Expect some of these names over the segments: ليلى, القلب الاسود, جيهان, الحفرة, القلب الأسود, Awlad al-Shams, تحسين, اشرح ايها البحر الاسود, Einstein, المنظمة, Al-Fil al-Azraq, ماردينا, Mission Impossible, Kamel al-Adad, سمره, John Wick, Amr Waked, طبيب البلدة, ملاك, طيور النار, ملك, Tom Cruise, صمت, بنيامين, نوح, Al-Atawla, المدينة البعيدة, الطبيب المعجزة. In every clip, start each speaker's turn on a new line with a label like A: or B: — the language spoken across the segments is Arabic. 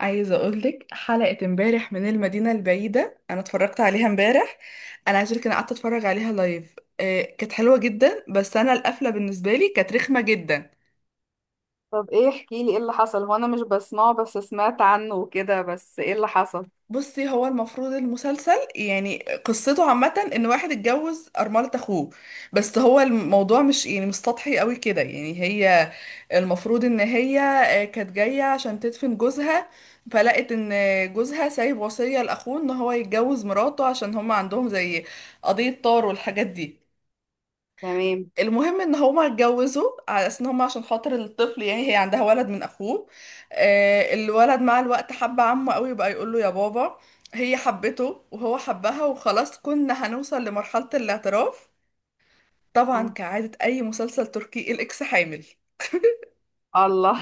A: عايزة أقولك حلقة امبارح من المدينة البعيدة، أنا اتفرجت عليها امبارح. أنا عايزة أقولك أنا قعدت أتفرج عليها لايف، كانت حلوة جدا، بس أنا القفلة بالنسبة لي كانت رخمة جدا.
B: طب ايه احكي لي ايه اللي حصل؟ هو انا مش بسمعه، بس سمعت عنه وكده. بس ايه اللي حصل؟
A: بصي، هو المفروض المسلسل يعني قصته عامة ان واحد اتجوز أرملة اخوه، بس هو الموضوع مش يعني مش سطحي قوي كده. يعني هي المفروض ان هي كانت جاية عشان تدفن جوزها، فلقت ان جوزها سايب وصية لاخوه ان هو يتجوز مراته، عشان هما عندهم زي قضية طار والحاجات دي.
B: تمام.
A: المهم ان هما اتجوزوا على اساس ان هما عشان خاطر الطفل، يعني هي عندها ولد من اخوه. الولد مع الوقت حب عمه قوي، بقى يقول له يا بابا. هي حبته وهو حبها وخلاص، كنا هنوصل لمرحلة الاعتراف. طبعا
B: مم.
A: كعادة اي مسلسل تركي، الاكس حامل.
B: الله.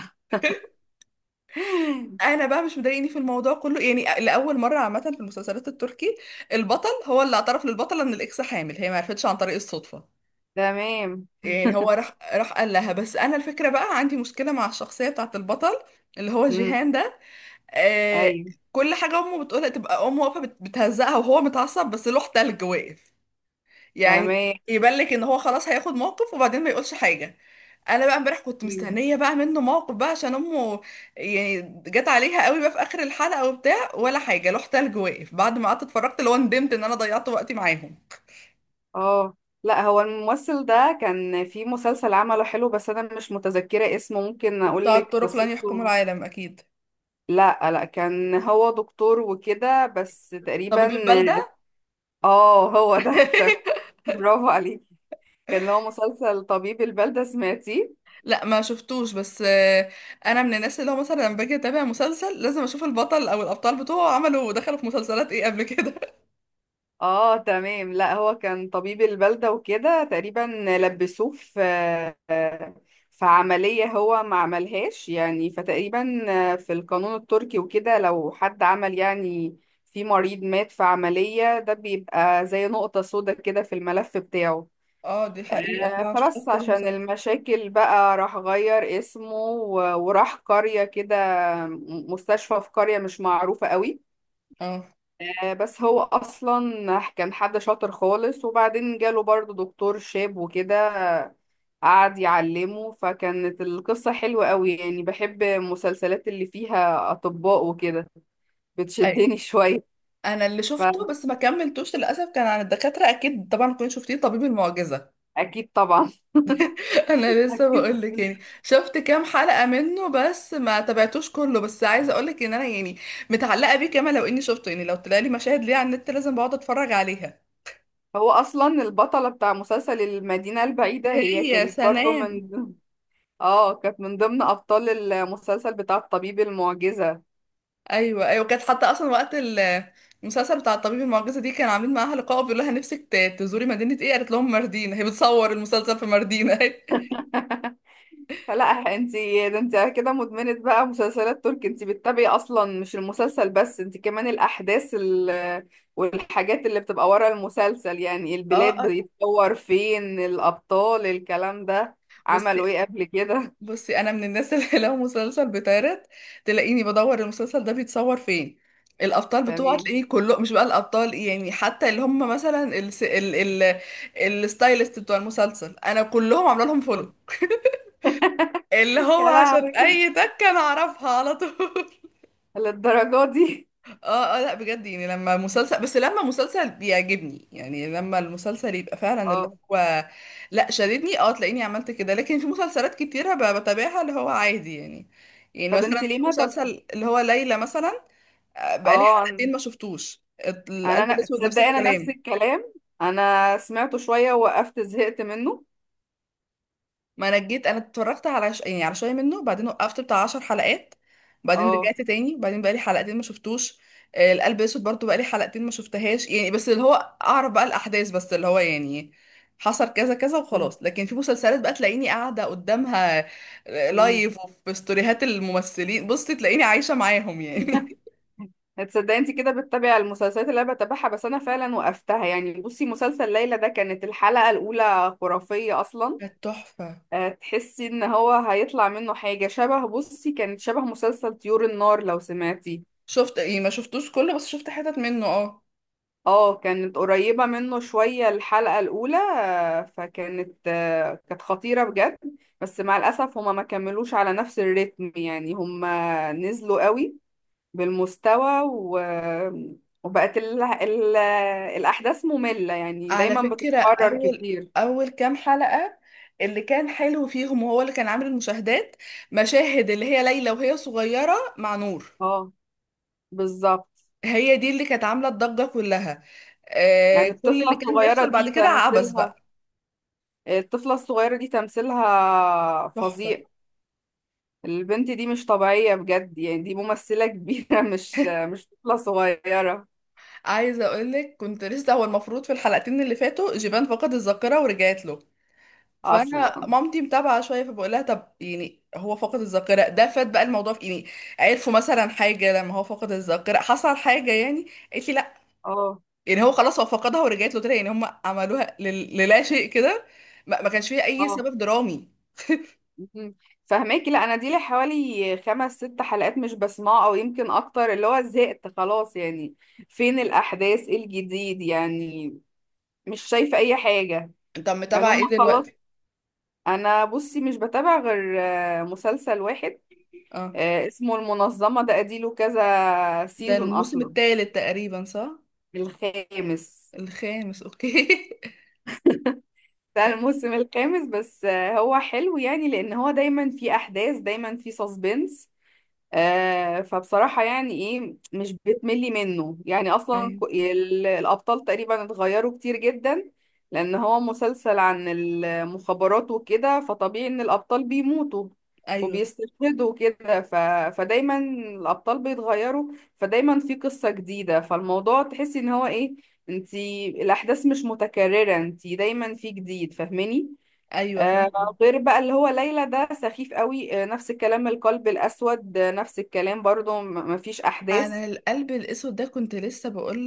A: انا بقى مش مضايقني في الموضوع كله، يعني لاول مره عامه في المسلسلات التركي البطل هو اللي اعترف للبطله ان الاكس حامل، هي ما عرفتش عن طريق الصدفه.
B: تمام.
A: يعني هو راح قال لها. بس انا الفكره بقى عندي مشكله مع الشخصيه بتاعت البطل اللي هو
B: امم
A: جيهان ده. آه.
B: ايوه.
A: كل حاجه امه بتقولها تبقى امه واقفه بتهزقها، وهو متعصب بس لوح تلج واقف. يعني
B: تمام.
A: يبان لك ان هو خلاص هياخد موقف، وبعدين ما يقولش حاجه. انا بقى امبارح كنت
B: مم.
A: مستنيه بقى منه موقف بقى عشان امه، يعني جت عليها قوي بقى في اخر الحلقه وبتاع، ولا حاجه لوح تلج واقف. بعد ما قعدت اتفرجت، اللي هو ندمت ان انا ضيعت وقتي معاهم.
B: اه، لا هو الممثل ده كان في مسلسل عمله حلو بس انا مش متذكرة اسمه. ممكن اقول
A: وبتاع
B: لك
A: الطرق لن يحكموا
B: قصته.
A: العالم اكيد.
B: لا لا، كان هو دكتور وكده بس تقريبا.
A: طبيب البلده.
B: اه هو ده. برافو عليك. كان هو مسلسل طبيب البلدة، سمعتيه؟
A: لا ما شفتوش، بس انا من الناس اللي هو مثلا لما باجي اتابع مسلسل لازم اشوف البطل او الابطال بتوعه عملوا دخلوا في مسلسلات ايه قبل كده.
B: اه تمام. لا هو كان طبيب البلدة وكده تقريبا. لبسوه في عملية هو ما عملهاش، يعني فتقريبا في القانون التركي وكده لو حد عمل يعني في مريض مات في عملية، ده بيبقى زي نقطة سودا كده في الملف بتاعه.
A: اه دي حقيقة فعلا شفتها
B: فبس
A: في كذا
B: عشان
A: مسلسل.
B: المشاكل بقى راح غير اسمه وراح قرية كده، مستشفى في قرية مش معروفة قوي.
A: اه.
B: بس هو اصلا كان حد شاطر خالص، وبعدين جاله برضه دكتور شاب وكده، قعد يعلمه. فكانت القصة حلوة قوي. يعني بحب المسلسلات اللي فيها اطباء وكده،
A: أي.
B: بتشدني شوية.
A: انا اللي شفته بس ما كملتوش للاسف كان عن الدكاترة، اكيد طبعا كنت شفتيه طبيب المعجزة.
B: فاكيد طبعا.
A: انا لسه
B: اكيد.
A: بقول لك، يعني شفت كام حلقة منه بس ما تابعتوش كله، بس عايزة اقول لك ان انا يعني متعلقة بيه كمان، لو اني شفته يعني لو طلع لي مشاهد ليه على النت لازم بقعد اتفرج عليها.
B: هو اصلا البطلة بتاع مسلسل المدينة البعيدة هي
A: هي
B: كانت برضه
A: سنام.
B: من اه، كانت من ضمن ابطال المسلسل بتاع الطبيب المعجزة.
A: ايوه ايوه، كانت حتى اصلا وقت المسلسل بتاع الطبيب المعجزه دي كان عاملين معاها لقاء بيقول لها نفسك تزوري مدينه ايه، قالت لهم ماردينا. هي بتصور المسلسل في ماردينا.
B: لا، انتي ده انتي كده مدمنة بقى مسلسلات تركي. انتي بتتابعي اصلا مش المسلسل بس، انتي كمان الاحداث والحاجات اللي بتبقى ورا المسلسل، يعني
A: اه.
B: البلاد
A: آه.
B: بيتصور فين، الابطال، الكلام ده، عملوا
A: بصي،
B: ايه قبل كده.
A: بصي انا من الناس اللي لو مسلسل بيتعرض تلاقيني بدور المسلسل ده بيتصور فين، الابطال بتوعه
B: تمام.
A: تلاقيه كله، مش بقى الابطال يعني، حتى اللي هم مثلا ال... الستايلست بتوع المسلسل انا كلهم عامله لهم فولو، اللي
B: يا
A: هو عشان
B: لهوي،
A: اي تكه انا اعرفها على طول.
B: للدرجة دي.
A: اه اه، لا بجد يعني لما مسلسل، بس لما مسلسل بيعجبني، يعني لما المسلسل يبقى فعلا اللي
B: اه.
A: هو لا شددني، اه تلاقيني عملت كده. لكن في مسلسلات كتيرة بتابعها اللي هو عادي يعني. يعني
B: طب
A: مثلا
B: انتي ليه
A: في
B: ما طب.
A: مسلسل اللي هو ليلى مثلا بقالي
B: اه، انا
A: حلقتين ما شفتوش. القلب
B: انا
A: الاسود نفس
B: تصدقي انا نفس
A: الكلام.
B: الكلام. انا سمعته شوية ووقفت، زهقت منه.
A: ما انا جيت انا اتفرجت على يعني على شويه منه، وبعدين وقفت بتاع 10 حلقات، بعدين
B: اه.
A: رجعت تاني، بعدين بقالي حلقتين ما شفتوش. القلب الاسود برضو بقالي حلقتين ما شفتهاش، يعني بس اللي هو اعرف بقى الاحداث، بس اللي هو يعني حصل كذا كذا
B: مم.
A: وخلاص. لكن في مسلسلات بقى تلاقيني قاعده قدامها
B: مم.
A: لايف، وفي ستوريهات الممثلين بصي تلاقيني عايشه معاهم يعني.
B: هتصدقي؟ انت كده بتتابعي المسلسلات اللي انا بتابعها. بس انا فعلا وقفتها يعني. بصي مسلسل ليلى ده كانت الحلقة الاولى خرافية اصلا.
A: كانت تحفه.
B: أه تحسي ان هو هيطلع منه حاجة شبه، بصي كانت شبه مسلسل طيور النار، لو سمعتي.
A: شفت يعني ما شفتوش كله، بس شفت حتت منه اه.
B: اه كانت قريبة منه شوية الحلقة الاولى. أه فكانت أه كانت خطيرة بجد. بس مع الاسف هما ما كملوش على نفس الريتم، يعني هما نزلوا قوي بالمستوى وبقت الأحداث مملة، يعني
A: على
B: دايما
A: فكرة
B: بتتكرر
A: أول،
B: كتير.
A: أول كام حلقة اللي كان حلو فيهم وهو اللي كان عامل المشاهدات مشاهد اللي هي ليلى وهي صغيرة مع نور.
B: اه بالظبط.
A: هي دي اللي كانت عاملة الضجة كلها. آه،
B: يعني
A: كل اللي كان بيحصل بعد كده عبث بقى.
B: الطفلة الصغيرة دي تمثيلها
A: تحفة.
B: فظيع. البنت دي مش طبيعية بجد. يعني دي ممثلة كبيرة، مش طفلة صغيرة.
A: عايزة أقولك كنت لسه، هو المفروض في الحلقتين اللي فاتوا جيبان فقد الذاكرة ورجعت له، فأنا
B: أصلا.
A: مامتي متابعة شوية، فبقول لها طب يعني هو فقد الذاكرة ده فات بقى الموضوع في إيه؟ يعني عرفوا مثلا حاجة لما هو فقد الذاكرة حصل حاجة يعني، قالت لي لا.
B: اه
A: يعني هو خلاص هو فقدها ورجعت له تاني، يعني هم عملوها للا شيء كده، ما كانش فيها اي
B: اه.
A: سبب درامي.
B: مهم. فهماكي، لا انا دي لي حوالي خمس ست حلقات مش بسمعه، او يمكن اكتر، اللي هو زهقت خلاص يعني. فين الاحداث، ايه الجديد؟ يعني مش شايفه اي حاجه،
A: انت
B: يعني
A: متابعه
B: هم
A: ايه
B: خلاص.
A: دلوقتي؟
B: انا بصي مش بتابع غير مسلسل واحد.
A: اه،
B: اسمه المنظمه. ده اديله كذا
A: ده
B: سيزون
A: الموسم
B: اصلا.
A: الثالث تقريبا، صح؟
B: الخامس.
A: الخامس، اوكي.
B: ده الموسم الخامس. بس هو حلو يعني، لان هو دايما في احداث، دايما في سسبنس. فبصراحة يعني ايه، مش بتملي منه. يعني اصلا
A: ايوه
B: الابطال تقريبا اتغيروا كتير جدا، لان هو مسلسل عن المخابرات وكده. فطبيعي ان الابطال بيموتوا
A: ايوه.
B: وبيستشهدوا كده. فدايما الابطال بيتغيروا، فدايما في قصة جديدة، فالموضوع تحسي ان هو ايه، انتي الاحداث مش متكررة، انتي دايما في جديد، فاهماني.
A: ايوه
B: آه،
A: فاهم.
B: غير بقى اللي هو ليلى ده سخيف قوي. نفس الكلام القلب الأسود. نفس الكلام برضو، مفيش أحداث.
A: انا القلب الاسود ده كنت لسه بقول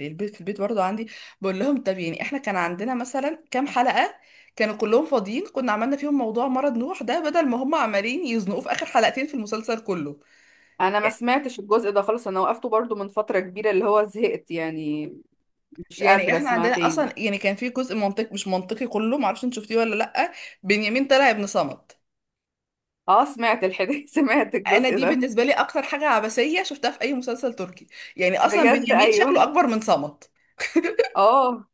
A: للبيت، في البيت برضو عندي بقول لهم طب يعني احنا كان عندنا مثلا كام حلقه كانوا كلهم فاضيين كنا عملنا فيهم موضوع مرض نوح ده، بدل ما هم عمالين يزنقوه في اخر حلقتين في المسلسل كله.
B: أنا ما سمعتش الجزء ده خالص. أنا وقفته برضو من فترة كبيرة، اللي هو زهقت يعني، مش
A: يعني
B: قادرة
A: احنا
B: أسمع
A: عندنا
B: تاني.
A: اصلا، يعني كان في جزء منطقي مش منطقي كله، معرفش انت شفتيه ولا لا، بنيامين طلع ابن صمت.
B: اه سمعت الحديث. سمعت
A: انا
B: الجزء
A: دي
B: ده.
A: بالنسبه لي اكتر حاجه عبثيه شفتها في اي مسلسل تركي. يعني اصلا
B: بجد
A: بنيامين شكله
B: أيوه.
A: اكبر من صمت.
B: اه.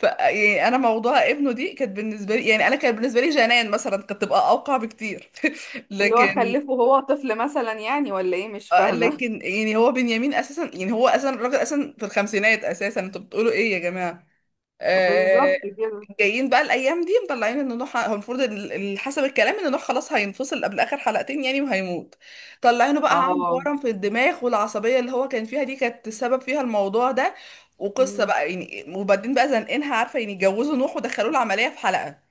A: ف يعني انا موضوع ابنه دي كانت بالنسبه لي، يعني انا كان بالنسبه لي جنان مثلا كانت تبقى اوقع بكتير.
B: اللي هو
A: لكن
B: خلفه وهو طفل مثلا يعني، ولا ايه؟ مش فاهمة.
A: لكن يعني هو بنيامين اساسا، يعني هو اساسا الراجل اساسا في الخمسينات اساسا، انتوا بتقولوا ايه يا جماعه؟ آه،
B: بالظبط كده.
A: جايين بقى الايام دي مطلعين ان نوح هو المفروض حسب الكلام ان نوح خلاص هينفصل قبل اخر حلقتين، يعني وهيموت. طلعينه بقى عنده
B: اه.
A: ورم في الدماغ، والعصبيه اللي هو كان فيها دي كانت السبب فيها الموضوع ده. وقصه
B: مم.
A: بقى يعني، وبعدين بقى زنقينها عارفه، يعني اتجوزوا نوح ودخلوه العمليه في حلقه.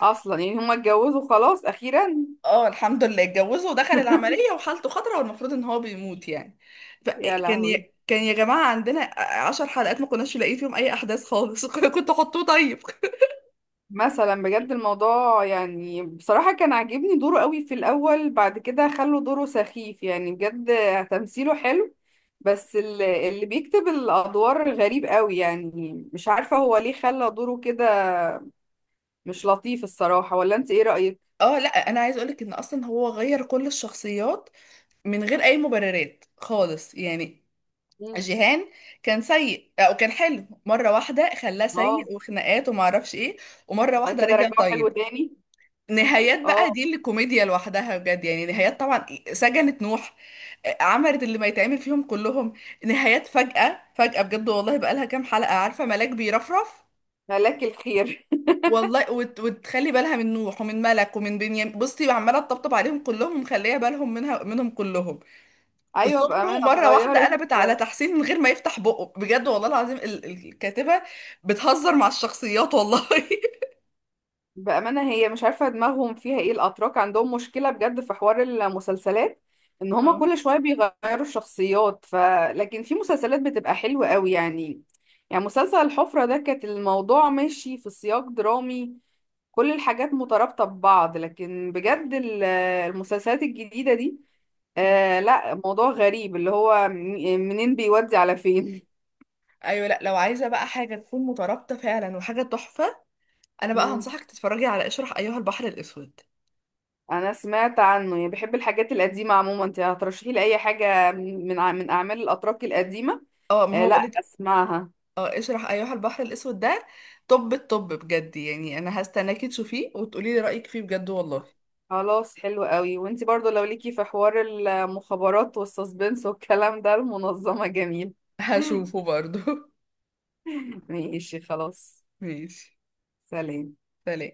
B: أصلا يعني هما اتجوزوا خلاص أخيرا.
A: اه الحمد لله اتجوزه ودخل العمليه وحالته خطره، والمفروض ان هو بيموت يعني.
B: يا
A: فكان
B: لهوي.
A: كان يا جماعه عندنا عشر حلقات ما كناش لاقيين فيهم اي احداث خالص. كنت حطوه طيب.
B: مثلا بجد الموضوع، يعني بصراحة كان عاجبني دوره قوي في الأول. بعد كده خلوا دوره سخيف يعني بجد. تمثيله حلو، بس اللي بيكتب الأدوار غريب قوي. يعني مش عارفة هو ليه خلى دوره كده. مش لطيف الصراحة، ولا أنت إيه رأيك؟
A: اه لا انا عايز اقولك ان اصلا هو غير كل الشخصيات من غير اي مبررات خالص يعني.
B: مم.
A: جيهان كان سيء او كان حلو، مره واحده خلاه
B: اه،
A: سيء وخناقات وما اعرفش ايه، ومره
B: وبعد
A: واحده
B: كده
A: رجع
B: رجعه حلو
A: طيب.
B: تاني.
A: نهايات بقى
B: اه.
A: دي اللي كوميديا لوحدها بجد، يعني نهايات طبعا سجنت نوح، عملت اللي ما يتعمل فيهم كلهم. نهايات فجأة فجأة بجد، والله بقى لها كام حلقة عارفة ملاك بيرفرف
B: هلاك الخير.
A: والله، وتخلي بالها من نوح ومن ملك ومن بنيامين، بصي عماله تطبطب عليهم كلهم ومخليه بالهم منها منهم كلهم.
B: أيوة
A: سمره
B: بأمانة
A: مره واحده
B: اتغيرت.
A: قلبت على تحسين من غير ما يفتح بقه، بجد والله العظيم الكاتبه بتهزر مع الشخصيات والله.
B: بأمانة هي مش عارفة دماغهم فيها ايه. الأتراك عندهم مشكلة بجد في حوار المسلسلات، ان هما
A: اه.
B: كل شوية بيغيروا الشخصيات. لكن في مسلسلات بتبقى حلوة قوي يعني. يعني مسلسل الحفرة ده كانت الموضوع ماشي في سياق درامي، كل الحاجات مترابطة ببعض. لكن بجد المسلسلات الجديدة دي،
A: م.
B: آه لا، موضوع غريب، اللي هو منين بيودي على فين.
A: ايوه، لا لو عايزه بقى حاجه تكون مترابطه فعلا وحاجه تحفه، انا بقى
B: مم.
A: هنصحك تتفرجي على اشرح ايها البحر الاسود.
B: انا سمعت عنه. يعني بحب الحاجات القديمه عموما، انت هترشحي لي اي حاجه من من اعمال الاتراك القديمه.
A: اه ما
B: آه
A: هو
B: لا،
A: بقولك،
B: اسمعها.
A: اه اشرح ايها البحر الاسود ده طب الطب بجد، يعني انا هستناكي تشوفيه وتقولي لي رايك فيه بجد والله.
B: خلاص حلو قوي. وانت برضو لو ليكي في حوار المخابرات والسسبنس والكلام ده، المنظمه جميل.
A: هشوفه برضو.
B: ماشي خلاص.
A: ماشي.
B: سلام.
A: سلام.